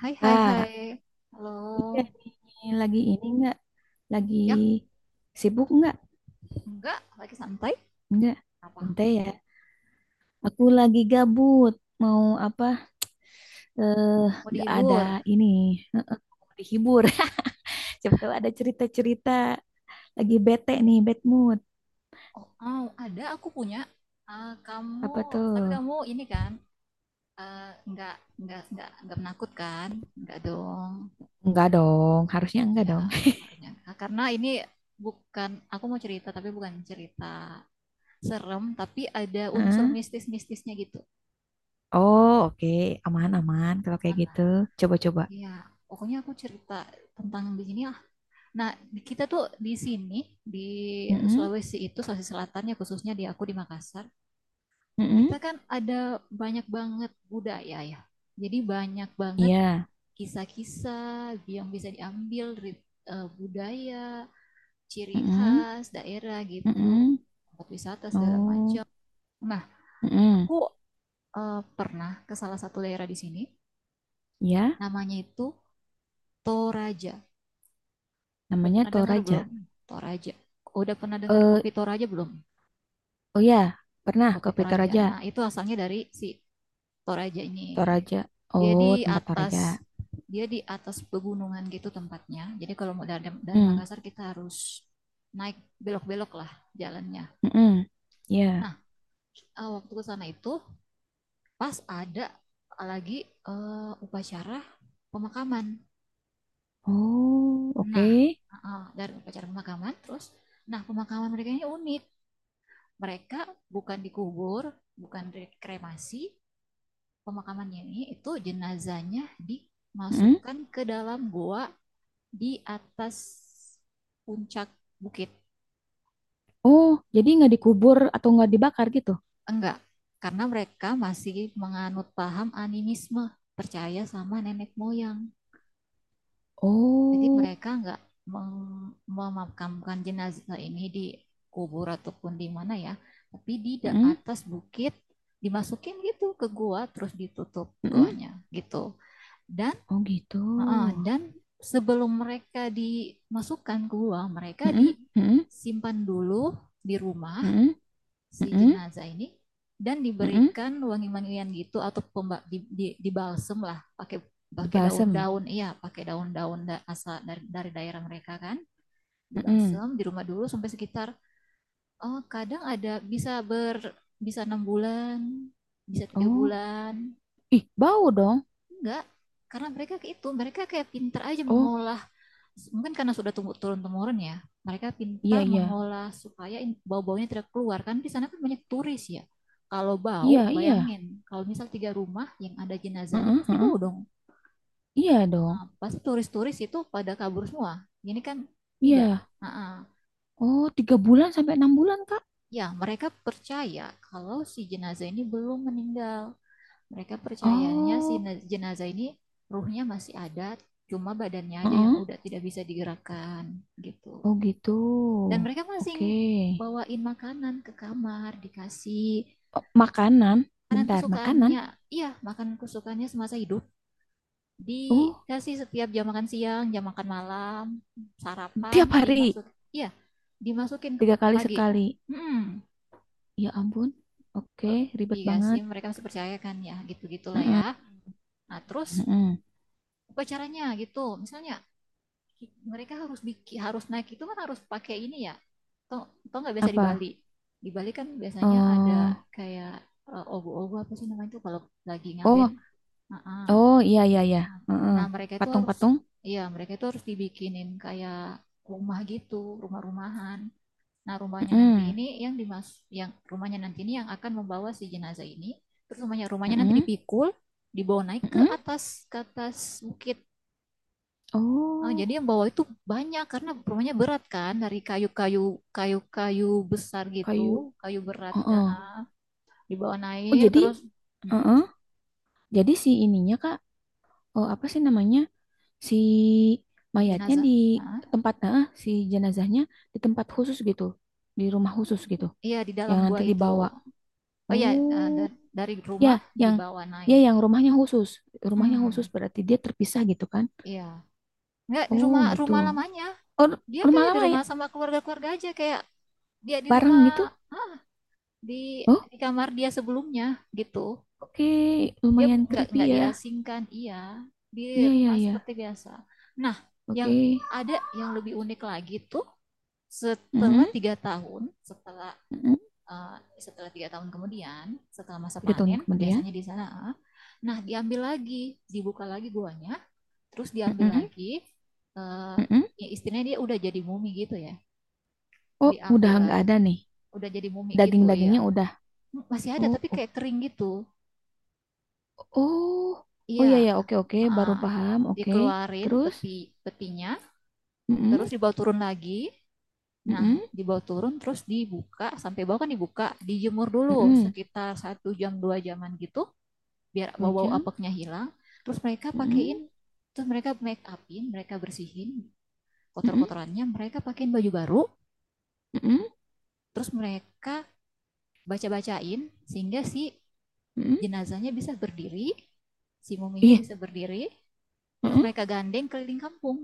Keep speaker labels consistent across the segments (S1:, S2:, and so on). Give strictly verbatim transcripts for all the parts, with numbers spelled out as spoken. S1: Hai, hai, hai.
S2: Kak,
S1: Halo.
S2: iya nih, lagi ini nggak Lagi
S1: Ya,
S2: sibuk nggak
S1: enggak. Lagi santai.
S2: nggak
S1: Apa?
S2: Bentar ya. Aku lagi gabut. Mau apa? Eh,
S1: Mau
S2: nggak ada
S1: dihibur?
S2: ini. Heeh, mau dihibur. Siapa tahu ada cerita-cerita. Lagi bete nih, bad mood.
S1: Oh, oh, ada aku punya. Ah, kamu,
S2: Apa tuh?
S1: tapi kamu ini kan, eh, enggak, enggak, enggak, enggak menakutkan. Enggak dong.
S2: Enggak dong. Harusnya enggak
S1: Iya,
S2: dong.
S1: harusnya enggak. Karena ini bukan, aku mau cerita, tapi bukan cerita serem, tapi ada unsur
S2: Hah?
S1: mistis-mistisnya gitu.
S2: Oh, oke. Aman-aman kalau kayak
S1: Aman lah.
S2: gitu. Coba-coba.
S1: Iya, pokoknya aku cerita tentang di sini. Nah, kita tuh di sini, di
S2: Mm-mm.
S1: Sulawesi itu, Sulawesi Selatan ya, khususnya di aku di Makassar,
S2: Mm-mm.
S1: kita kan ada banyak banget budaya ya. Jadi banyak banget
S2: Iya.
S1: kisah-kisah yang bisa diambil dari eh, budaya, ciri
S2: Mm-mm.
S1: khas daerah gitu,
S2: Mm-mm.
S1: tempat wisata segala
S2: Oh.
S1: macam. Nah,
S2: Mm-mm.
S1: aku eh, pernah ke salah satu daerah di sini,
S2: Iya.
S1: namanya itu Toraja. Udah
S2: Namanya
S1: pernah dengar belum
S2: Toraja.
S1: Toraja? Udah pernah dengar
S2: Eh,
S1: kopi Toraja belum?
S2: oh ya, pernah
S1: Kopi
S2: kopi
S1: Toraja.
S2: Toraja.
S1: Nah, itu asalnya dari si Toraja ini.
S2: Toraja.
S1: Dia
S2: Oh,
S1: di
S2: tempat Toraja.
S1: atas Dia di atas pegunungan gitu tempatnya. Jadi kalau mau dari, dari
S2: Hmm,
S1: Makassar kita harus naik, belok-belok lah jalannya.
S2: hmm, ya.
S1: Nah, eh, waktu ke sana itu pas ada lagi eh, upacara pemakaman.
S2: Oh, oke.
S1: Nah, eh, dari upacara pemakaman terus nah, pemakaman mereka ini unik. Mereka bukan dikubur, bukan dikremasi, pemakamannya ini itu jenazahnya
S2: Mm-mm.
S1: dimasukkan ke dalam goa di atas puncak bukit.
S2: Oh, jadi nggak dikubur atau nggak dibakar gitu?
S1: Enggak, karena mereka masih menganut paham animisme, percaya sama nenek moyang. Jadi
S2: Oh,
S1: mereka enggak mem- memakamkan jenazah ini di kubur ataupun di mana ya, tapi di
S2: hmm,
S1: atas bukit dimasukin gitu ke gua terus ditutup
S2: hmm,
S1: goanya gitu. Dan
S2: oh gitu.
S1: heeh, dan sebelum mereka dimasukkan ke gua, mereka
S2: Hmm, hmm,
S1: disimpan dulu di rumah
S2: hmm,
S1: si
S2: hmm,
S1: jenazah ini dan
S2: hmm,
S1: diberikan wangi-wangian gitu atau pemba, di, di, dibalsem lah, pakai pakai
S2: dibasem.
S1: daun-daun iya pakai daun-daun da, asal dari, dari daerah mereka kan,
S2: Hmm,
S1: dibalsem di rumah dulu sampai sekitar, oh kadang ada bisa ber bisa enam bulan, bisa tiga
S2: oh,
S1: bulan
S2: ih, bau dong.
S1: Enggak, karena mereka itu, mereka kayak pinter aja
S2: Oh,
S1: mengolah, mungkin karena sudah tumbuh turun temurun ya, mereka
S2: iya,
S1: pintar
S2: iya,
S1: mengolah supaya bau-baunya tidak keluar. Kan di sana kan banyak turis ya, kalau bau
S2: iya, iya.
S1: bayangin, kalau misal tiga rumah yang ada jenazahnya
S2: Heeh,
S1: pasti
S2: heeh.
S1: bau dong.
S2: Iya dong.
S1: Ah, pasti turis-turis itu pada kabur semua, ini kan tidak.
S2: Iya.
S1: Ah, ah.
S2: Oh, tiga bulan sampai enam bulan, Kak?
S1: Ya, mereka percaya kalau si jenazah ini belum meninggal, mereka percayanya si
S2: Oh,
S1: jenazah ini ruhnya masih ada, cuma badannya aja yang
S2: heeh.
S1: udah tidak bisa digerakkan gitu.
S2: Oh gitu.
S1: Dan mereka masing
S2: Oke.
S1: bawain makanan ke kamar, dikasih
S2: Oh, makanan,
S1: makanan
S2: bentar, makanan.
S1: kesukaannya. Iya, makanan kesukaannya semasa hidup.
S2: Oh,
S1: Dikasih setiap jam makan siang, jam makan malam, sarapan,
S2: tiap hari,
S1: dimasuk. Iya, dimasukin ke
S2: tiga kali
S1: pagi.
S2: sekali.
S1: Hmm,
S2: Ya ampun. Oke, ribet banget.
S1: dikasih, mereka masih percaya kan ya, gitu-gitulah ya. Nah, terus
S2: Mm-mm.
S1: upacaranya gitu. Misalnya mereka harus bikin, harus naik itu kan harus pakai ini ya toh, toh nggak biasa di
S2: Apa?
S1: Bali. Di Bali kan biasanya ada
S2: Eh,
S1: kayak eh, ogo-ogo apa sih namanya itu kalau lagi ngaben.
S2: oh,
S1: Ah, ah.
S2: oh, iya, iya, iya.
S1: Nah,
S2: Heeh.
S1: nah mereka itu harus,
S2: Patung-patung.
S1: ya mereka itu harus dibikinin kayak rumah gitu, rumah-rumahan. Nah, rumahnya nanti
S2: Mm-mm.
S1: ini yang dimas yang rumahnya nanti ini yang akan membawa si jenazah ini. Terus rumahnya rumahnya nanti
S2: Mm-mm.
S1: dipikul, dibawa naik ke
S2: Mm-mm.
S1: atas, ke atas bukit. Ah, jadi
S2: Oh,
S1: yang bawa itu banyak karena rumahnya berat kan, dari kayu-kayu kayu-kayu besar gitu,
S2: kayu.
S1: kayu berat. Ah,
S2: Heeh.
S1: ah. Dibawa
S2: Oh,
S1: naik
S2: jadi,
S1: terus. Mm,
S2: heeh. Jadi si ininya, Kak. Oh, apa sih namanya? Si mayatnya
S1: jenazah.
S2: di
S1: Ah,
S2: tempat nah si jenazahnya di tempat khusus gitu di rumah khusus gitu
S1: iya di dalam
S2: yang
S1: gua
S2: nanti
S1: itu.
S2: dibawa
S1: Oh iya, ah,
S2: oh
S1: da- dari
S2: ya
S1: rumah
S2: yang
S1: dibawa
S2: ya
S1: naik.
S2: yang rumahnya khusus rumahnya khusus
S1: Mm.
S2: berarti dia terpisah gitu kan
S1: Iya, nggak di
S2: oh
S1: rumah
S2: gitu
S1: rumah lamanya,
S2: oh
S1: dia
S2: rumah
S1: kayak di
S2: lama ya
S1: rumah sama keluarga-keluarga aja, kayak dia di rumah,
S2: bareng gitu
S1: ah, di
S2: oh
S1: di kamar dia sebelumnya gitu.
S2: oke
S1: Dia
S2: lumayan
S1: nggak
S2: creepy
S1: nggak
S2: ya
S1: diasingkan, iya, di
S2: iya iya
S1: rumah
S2: iya
S1: seperti biasa. Nah, yang
S2: oke.
S1: ada yang lebih unik lagi tuh setelah
S2: Mm-mm,
S1: tiga tahun, setelah
S2: mm-mm.
S1: uh, setelah tiga tahun kemudian, setelah masa
S2: Tiga tahun
S1: panen,
S2: kemudian.
S1: biasanya di sana, eh, nah diambil lagi, dibuka lagi guanya, terus diambil
S2: Mm-mm,
S1: lagi, uh,
S2: mm-mm.
S1: ya istilahnya dia udah jadi mumi gitu ya,
S2: Oh udah
S1: diambil,
S2: nggak ada nih
S1: udah jadi mumi gitu, iya,
S2: daging-dagingnya udah
S1: masih ada
S2: oh.
S1: tapi kayak kering gitu.
S2: Oh, oh iya
S1: Iya,
S2: ya, oke oke, baru
S1: ah,
S2: paham, oke.
S1: dikeluarin
S2: Terus,
S1: peti, petinya,
S2: mm-mm,
S1: terus dibawa turun lagi. Nah,
S2: mm-mm,
S1: dibawa turun terus dibuka, sampai bawah kan dibuka, dijemur dulu
S2: mm-mm.
S1: sekitar satu jam, dua jaman gitu, biar
S2: Dua
S1: bau-bau
S2: jam,
S1: apeknya hilang. Terus mereka
S2: mm-mm,
S1: pakein, terus mereka make upin, mereka bersihin
S2: mm-mm,
S1: kotor-kotorannya, mereka pakein baju baru,
S2: mm-mm,
S1: terus mereka baca-bacain sehingga si
S2: mm-mm.
S1: jenazahnya bisa berdiri, si muminya
S2: Iya,
S1: bisa berdiri, terus
S2: mm-mm.
S1: mereka gandeng keliling kampung.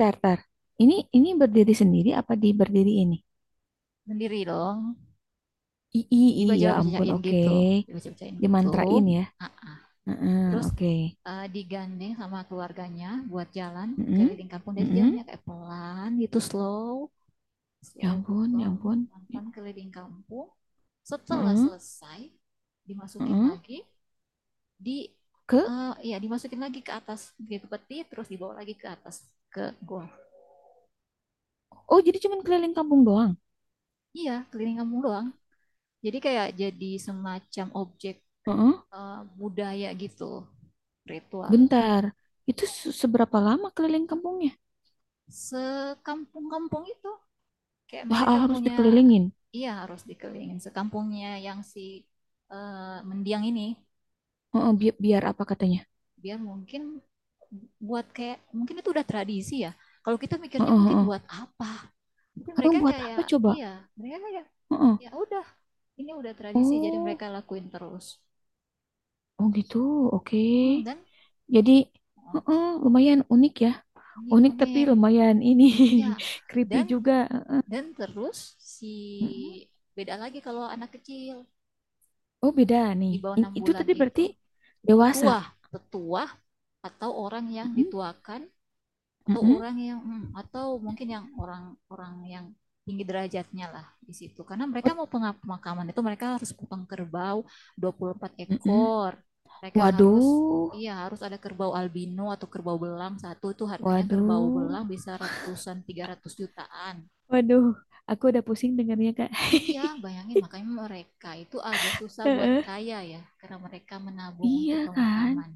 S2: Tar, tar. Ini ini berdiri sendiri apa di berdiri ini?
S1: Sendiri dong.
S2: I, i, i, ya ampun,
S1: Dibaca-bacain
S2: oke.
S1: gitu, dibaca-bacain gitu.
S2: Dimantrain ya.
S1: Nah,
S2: Heeh,
S1: terus
S2: oke.
S1: uh, digandeng sama keluarganya buat jalan
S2: Mm-mm,
S1: keliling kampung. Jadi
S2: mm-mm.
S1: jalannya kayak pelan gitu, slow,
S2: Ya
S1: slow gitu,
S2: ampun, ya ampun. Ya,
S1: pelan-pelan keliling kampung. Setelah
S2: heeh,
S1: selesai, dimasukin
S2: heeh.
S1: lagi di
S2: Ke,
S1: uh, ya dimasukin lagi ke atas gitu peti, terus dibawa lagi ke atas ke gua.
S2: oh jadi cuman keliling kampung doang.
S1: Iya, keliling kampung doang. Jadi kayak jadi semacam objek
S2: Heeh,
S1: uh, budaya gitu, ritual.
S2: bentar. Itu se- seberapa lama keliling kampungnya?
S1: Sekampung-kampung itu kayak mereka
S2: Ha- harus
S1: punya,
S2: dikelilingin.
S1: iya harus dikelilingin sekampungnya yang si eh, mendiang ini,
S2: Heeh, bi- biar apa katanya?
S1: biar mungkin buat kayak, mungkin itu udah tradisi ya, kalau kita
S2: Heeh,
S1: mikirnya mungkin
S2: heeh.
S1: buat apa, tapi
S2: Heeh,
S1: mereka
S2: buat apa
S1: kayak
S2: coba?
S1: iya, mereka kayak
S2: Heeh.
S1: ya udah, ini udah tradisi jadi
S2: Oh,
S1: mereka lakuin terus.
S2: oh gitu. Oke.
S1: Mhm, dan
S2: Jadi,
S1: oh,
S2: heeh, lumayan unik ya.
S1: ini
S2: Unik tapi
S1: kuning
S2: lumayan ini
S1: ya,
S2: creepy
S1: dan
S2: juga. Heeh.
S1: dan terus si
S2: Mm-mm.
S1: beda lagi kalau anak kecil
S2: Oh, beda nih.
S1: di bawah
S2: I-
S1: enam
S2: itu
S1: bulan
S2: tadi
S1: itu.
S2: berarti dewasa.
S1: Tetua, tetua atau orang yang
S2: Mm-mm.
S1: dituakan atau
S2: Mm-mm.
S1: orang yang hmm, atau mungkin yang orang-orang yang tinggi derajatnya lah di situ. Karena mereka
S2: Oh,
S1: mau pemakaman itu, mereka harus kupang kerbau dua puluh empat
S2: mm-mm.
S1: ekor. Mereka harus,
S2: Waduh.
S1: iya harus ada kerbau albino atau kerbau belang, satu itu harganya kerbau
S2: Waduh.
S1: belang bisa ratusan, tiga ratus jutaan.
S2: Waduh. Aku udah pusing dengarnya, Kak.
S1: Iya, bayangin, makanya mereka itu agak susah buat
S2: Heeh.
S1: kaya ya, karena mereka menabung untuk
S2: Iya kan?
S1: pemakaman.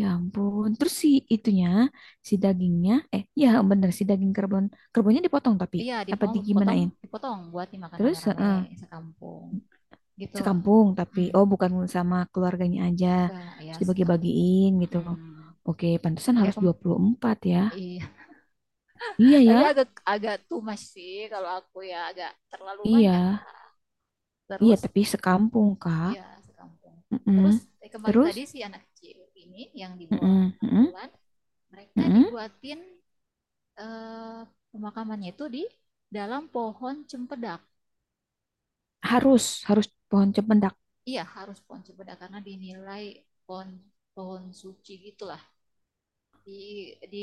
S2: Ya ampun. Terus si itunya, si dagingnya, eh ya bener si daging kerbon. Kerbonnya dipotong tapi
S1: Iya,
S2: apa
S1: dipotong,
S2: di
S1: potong,
S2: gimanain?
S1: dipotong buat dimakan
S2: Terus
S1: rame-rame
S2: eh,
S1: sekampung gitu.
S2: sekampung tapi
S1: Mm.
S2: oh bukan sama keluarganya aja.
S1: Enggak, ya
S2: Terus
S1: sekampung.
S2: dibagi-bagiin gitu.
S1: Mm-mm.
S2: Oke, pantesan
S1: Pakai
S2: harus
S1: kem-
S2: dua puluh empat ya.
S1: iya.
S2: Iya
S1: Tapi
S2: ya.
S1: agak agak too much sih kalau aku ya, agak terlalu banyak
S2: Iya.
S1: lah.
S2: Iya,
S1: Terus
S2: tapi sekampung, Kak.
S1: iya, sekampung.
S2: Mm-mm.
S1: Terus eh, kembali
S2: Terus
S1: tadi si anak kecil ini yang di bawah
S2: mm-mm,
S1: enam
S2: mm-mm,
S1: bulan, mereka
S2: mm-mm.
S1: dibuatin eh, pemakamannya itu di dalam pohon cempedak.
S2: Harus harus pohon cempedak.
S1: Iya, harus pohon cempedak karena dinilai pohon pohon suci gitu, di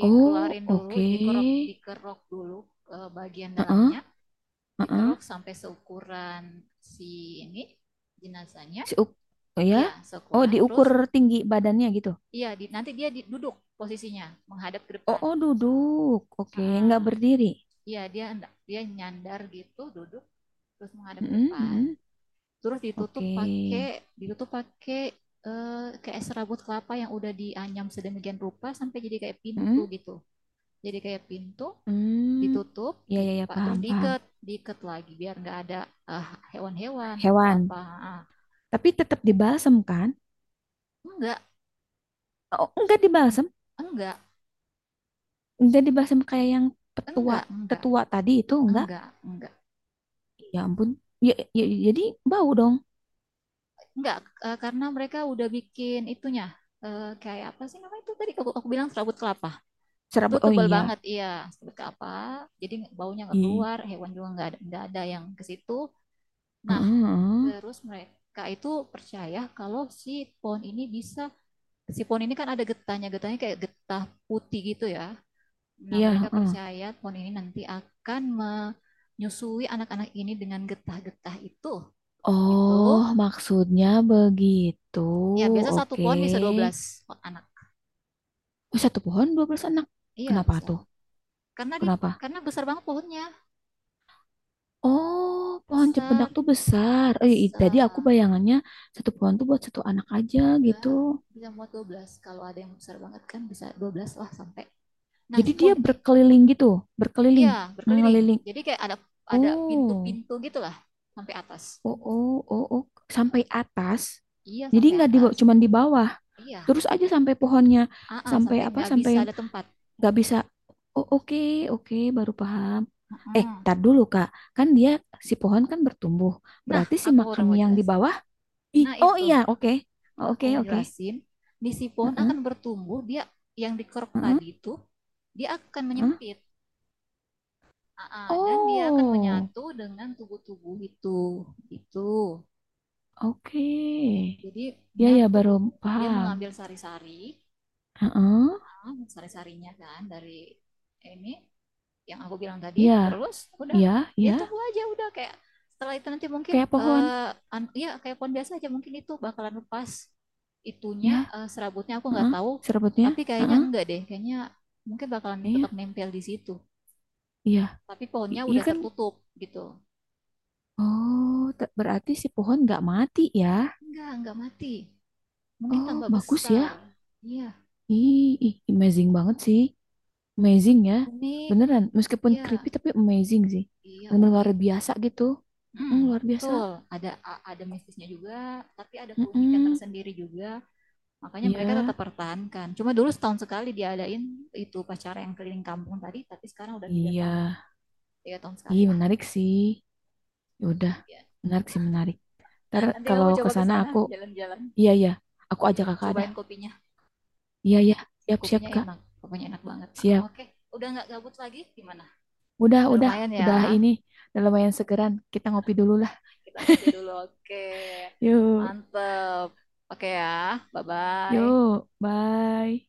S2: Oh,
S1: dulu,
S2: oke.
S1: dikerok dikerok dulu eh, bagian
S2: Heeh,
S1: dalamnya,
S2: heeh.
S1: dikerok sampai seukuran si ini jenazahnya.
S2: Si uk- oh ya?
S1: Ya
S2: Oh,
S1: seukuran, terus
S2: diukur tinggi badannya gitu.
S1: iya di, nanti dia di- duduk, posisinya menghadap ke
S2: Oh,
S1: depan.
S2: oh duduk. Oke, nggak
S1: Ah,
S2: berdiri.
S1: iya, dia, dia nyandar gitu duduk terus menghadap ke
S2: Mm-mm,
S1: depan.
S2: mm-mm.
S1: Terus ditutup
S2: Oke.
S1: pakai, ditutup pakai eh, kayak serabut kelapa yang udah dianyam sedemikian rupa sampai jadi kayak pintu
S2: Mm-mm.
S1: gitu, jadi kayak pintu
S2: Hmm.
S1: ditutup
S2: Ya,
S1: gitu,
S2: ya, ya,
S1: Pak. Terus
S2: paham, paham.
S1: diikat, diikat lagi biar nggak ada eh, hewan-hewan atau
S2: Hewan.
S1: apa. Ah,
S2: Tapi tetap dibalsem kan?
S1: enggak,
S2: Oh, enggak dibalsem.
S1: enggak,
S2: Enggak dibalsem kayak yang petua,
S1: enggak, enggak,
S2: tetua tadi itu enggak.
S1: enggak, enggak,
S2: Ya ampun. Ya, ya, jadi bau dong.
S1: enggak. Eh, karena mereka udah bikin itunya eh, kayak apa sih namanya itu tadi aku, aku bilang serabut kelapa. Itu
S2: Serabut. Oh
S1: tebal
S2: iya.
S1: banget, iya, serabut kelapa. Jadi baunya nggak
S2: I,
S1: keluar, hewan juga nggak ada, nggak ada yang ke situ.
S2: heeh,
S1: Nah,
S2: heeh.
S1: terus mereka itu percaya kalau si pohon ini bisa, si pohon ini kan ada getahnya, getahnya kayak getah putih gitu ya. Nah,
S2: Iya,
S1: mereka
S2: heeh.
S1: percaya pohon ini nanti akan menyusui anak-anak ini dengan getah-getah itu.
S2: Oh,
S1: Begitu.
S2: maksudnya begitu.
S1: Ya, biasa satu
S2: Oke.
S1: pohon bisa dua belas anak.
S2: Oh, satu pohon dua belas anak.
S1: Iya,
S2: Kenapa
S1: bisa.
S2: tuh?
S1: Karena di,
S2: Kenapa?
S1: karena besar banget pohonnya.
S2: Oh, pohon cempedak
S1: Besar,
S2: tuh besar. Eh, i- tadi aku
S1: besar.
S2: bayangannya satu pohon tuh buat satu anak aja gitu.
S1: Enggak, bisa muat dua belas. Kalau ada yang besar banget kan bisa dua belas lah sampai. Nah,
S2: Jadi
S1: si
S2: dia
S1: pohon ini
S2: berkeliling gitu,
S1: iya,
S2: berkeliling,
S1: berkeliling.
S2: ngeliling.
S1: Jadi kayak ada ada
S2: Oh,
S1: pintu-pintu gitulah sampai atas.
S2: oh, oh, oh, oh. Sampai atas.
S1: Iya,
S2: Jadi
S1: sampai
S2: nggak di,
S1: atas.
S2: cuman di bawah.
S1: Iya,
S2: Terus aja sampai pohonnya,
S1: aa,
S2: sampai
S1: sampai
S2: apa?
S1: nggak
S2: Sampai
S1: bisa ada tempat.
S2: nggak bisa oh oke oke baru paham eh
S1: Mm-mm.
S2: tar dulu kak kan dia si pohon kan bertumbuh
S1: Nah,
S2: berarti si
S1: aku baru
S2: makam
S1: mau
S2: yang di
S1: jelasin.
S2: bawah ih
S1: Nah,
S2: oh
S1: itu
S2: iya oke. Oh,
S1: aku
S2: oke
S1: mau
S2: oke.
S1: jelasin. Di, si pohon
S2: Heeh,
S1: akan bertumbuh, dia yang dikeruk
S2: heeh,
S1: tadi itu, dia akan
S2: heeh.
S1: menyempit. Aa, dan dia akan
S2: Oh
S1: menyatu dengan tubuh-tubuh itu. Itu.
S2: oke
S1: Jadi
S2: ya ya
S1: menyatu.
S2: baru
S1: Dia
S2: paham.
S1: mengambil sari-sari,
S2: Heeh,
S1: ah, sari-sarinya kan dari ini yang aku bilang tadi,
S2: iya
S1: terus udah,
S2: iya
S1: dia
S2: iya
S1: tunggu aja udah kayak, setelah itu nanti mungkin
S2: kayak pohon
S1: eh, ya kayak pohon biasa aja, mungkin itu bakalan lepas itunya
S2: ya
S1: eh, serabutnya aku nggak
S2: heeh,
S1: tahu,
S2: serabutnya
S1: tapi kayaknya
S2: heeh,
S1: enggak deh, kayaknya mungkin bakalan
S2: iya
S1: tetap nempel di situ,
S2: iya
S1: tapi pohonnya
S2: I- iya
S1: udah
S2: kan
S1: tertutup gitu.
S2: oh te- berarti si pohon nggak mati ya
S1: enggak enggak mati, mungkin
S2: oh
S1: tambah
S2: bagus ya.
S1: besar. Iya,
S2: Ih, ih, amazing banget sih. Amazing ya.
S1: unik.
S2: Beneran, meskipun
S1: Iya,
S2: creepy tapi amazing sih.
S1: iya
S2: Bener luar
S1: unik.
S2: biasa gitu. Mm,
S1: Hmm,
S2: luar biasa.
S1: betul. Ada ada mistisnya juga, tapi ada keunikan
S2: Mm-mm.
S1: tersendiri juga. Makanya mereka
S2: Iya,
S1: tetap pertahankan. Cuma dulu setahun sekali diadain itu pacara yang keliling kampung tadi, tapi sekarang udah tiga
S2: iya.
S1: tahun. Tiga tahun sekali
S2: Ih,
S1: lah.
S2: menarik sih. Ya udah, menarik sih, menarik. Ntar
S1: Nanti
S2: kalau
S1: kamu
S2: ke
S1: coba ke
S2: sana
S1: sana,
S2: aku,
S1: jalan-jalan.
S2: iya, iya. Aku ajak
S1: Minum-
S2: kakak dah.
S1: Cobain kopinya.
S2: Iya, iya.
S1: Ini
S2: Siap, siap,
S1: kopinya
S2: Kak.
S1: enak. Kopinya enak banget. Ah,
S2: Siap.
S1: oke, okay. Udah nggak gabut lagi? Gimana?
S2: Udah,
S1: Udah
S2: udah.
S1: lumayan ya.
S2: Udah ini. Udah lumayan segeran. Kita ngopi dulu lah.
S1: Kita ngopi dulu. Oke, okay.
S2: Yuk,
S1: Mantep. Oke okay ya, bye-bye.
S2: yuk. Bye.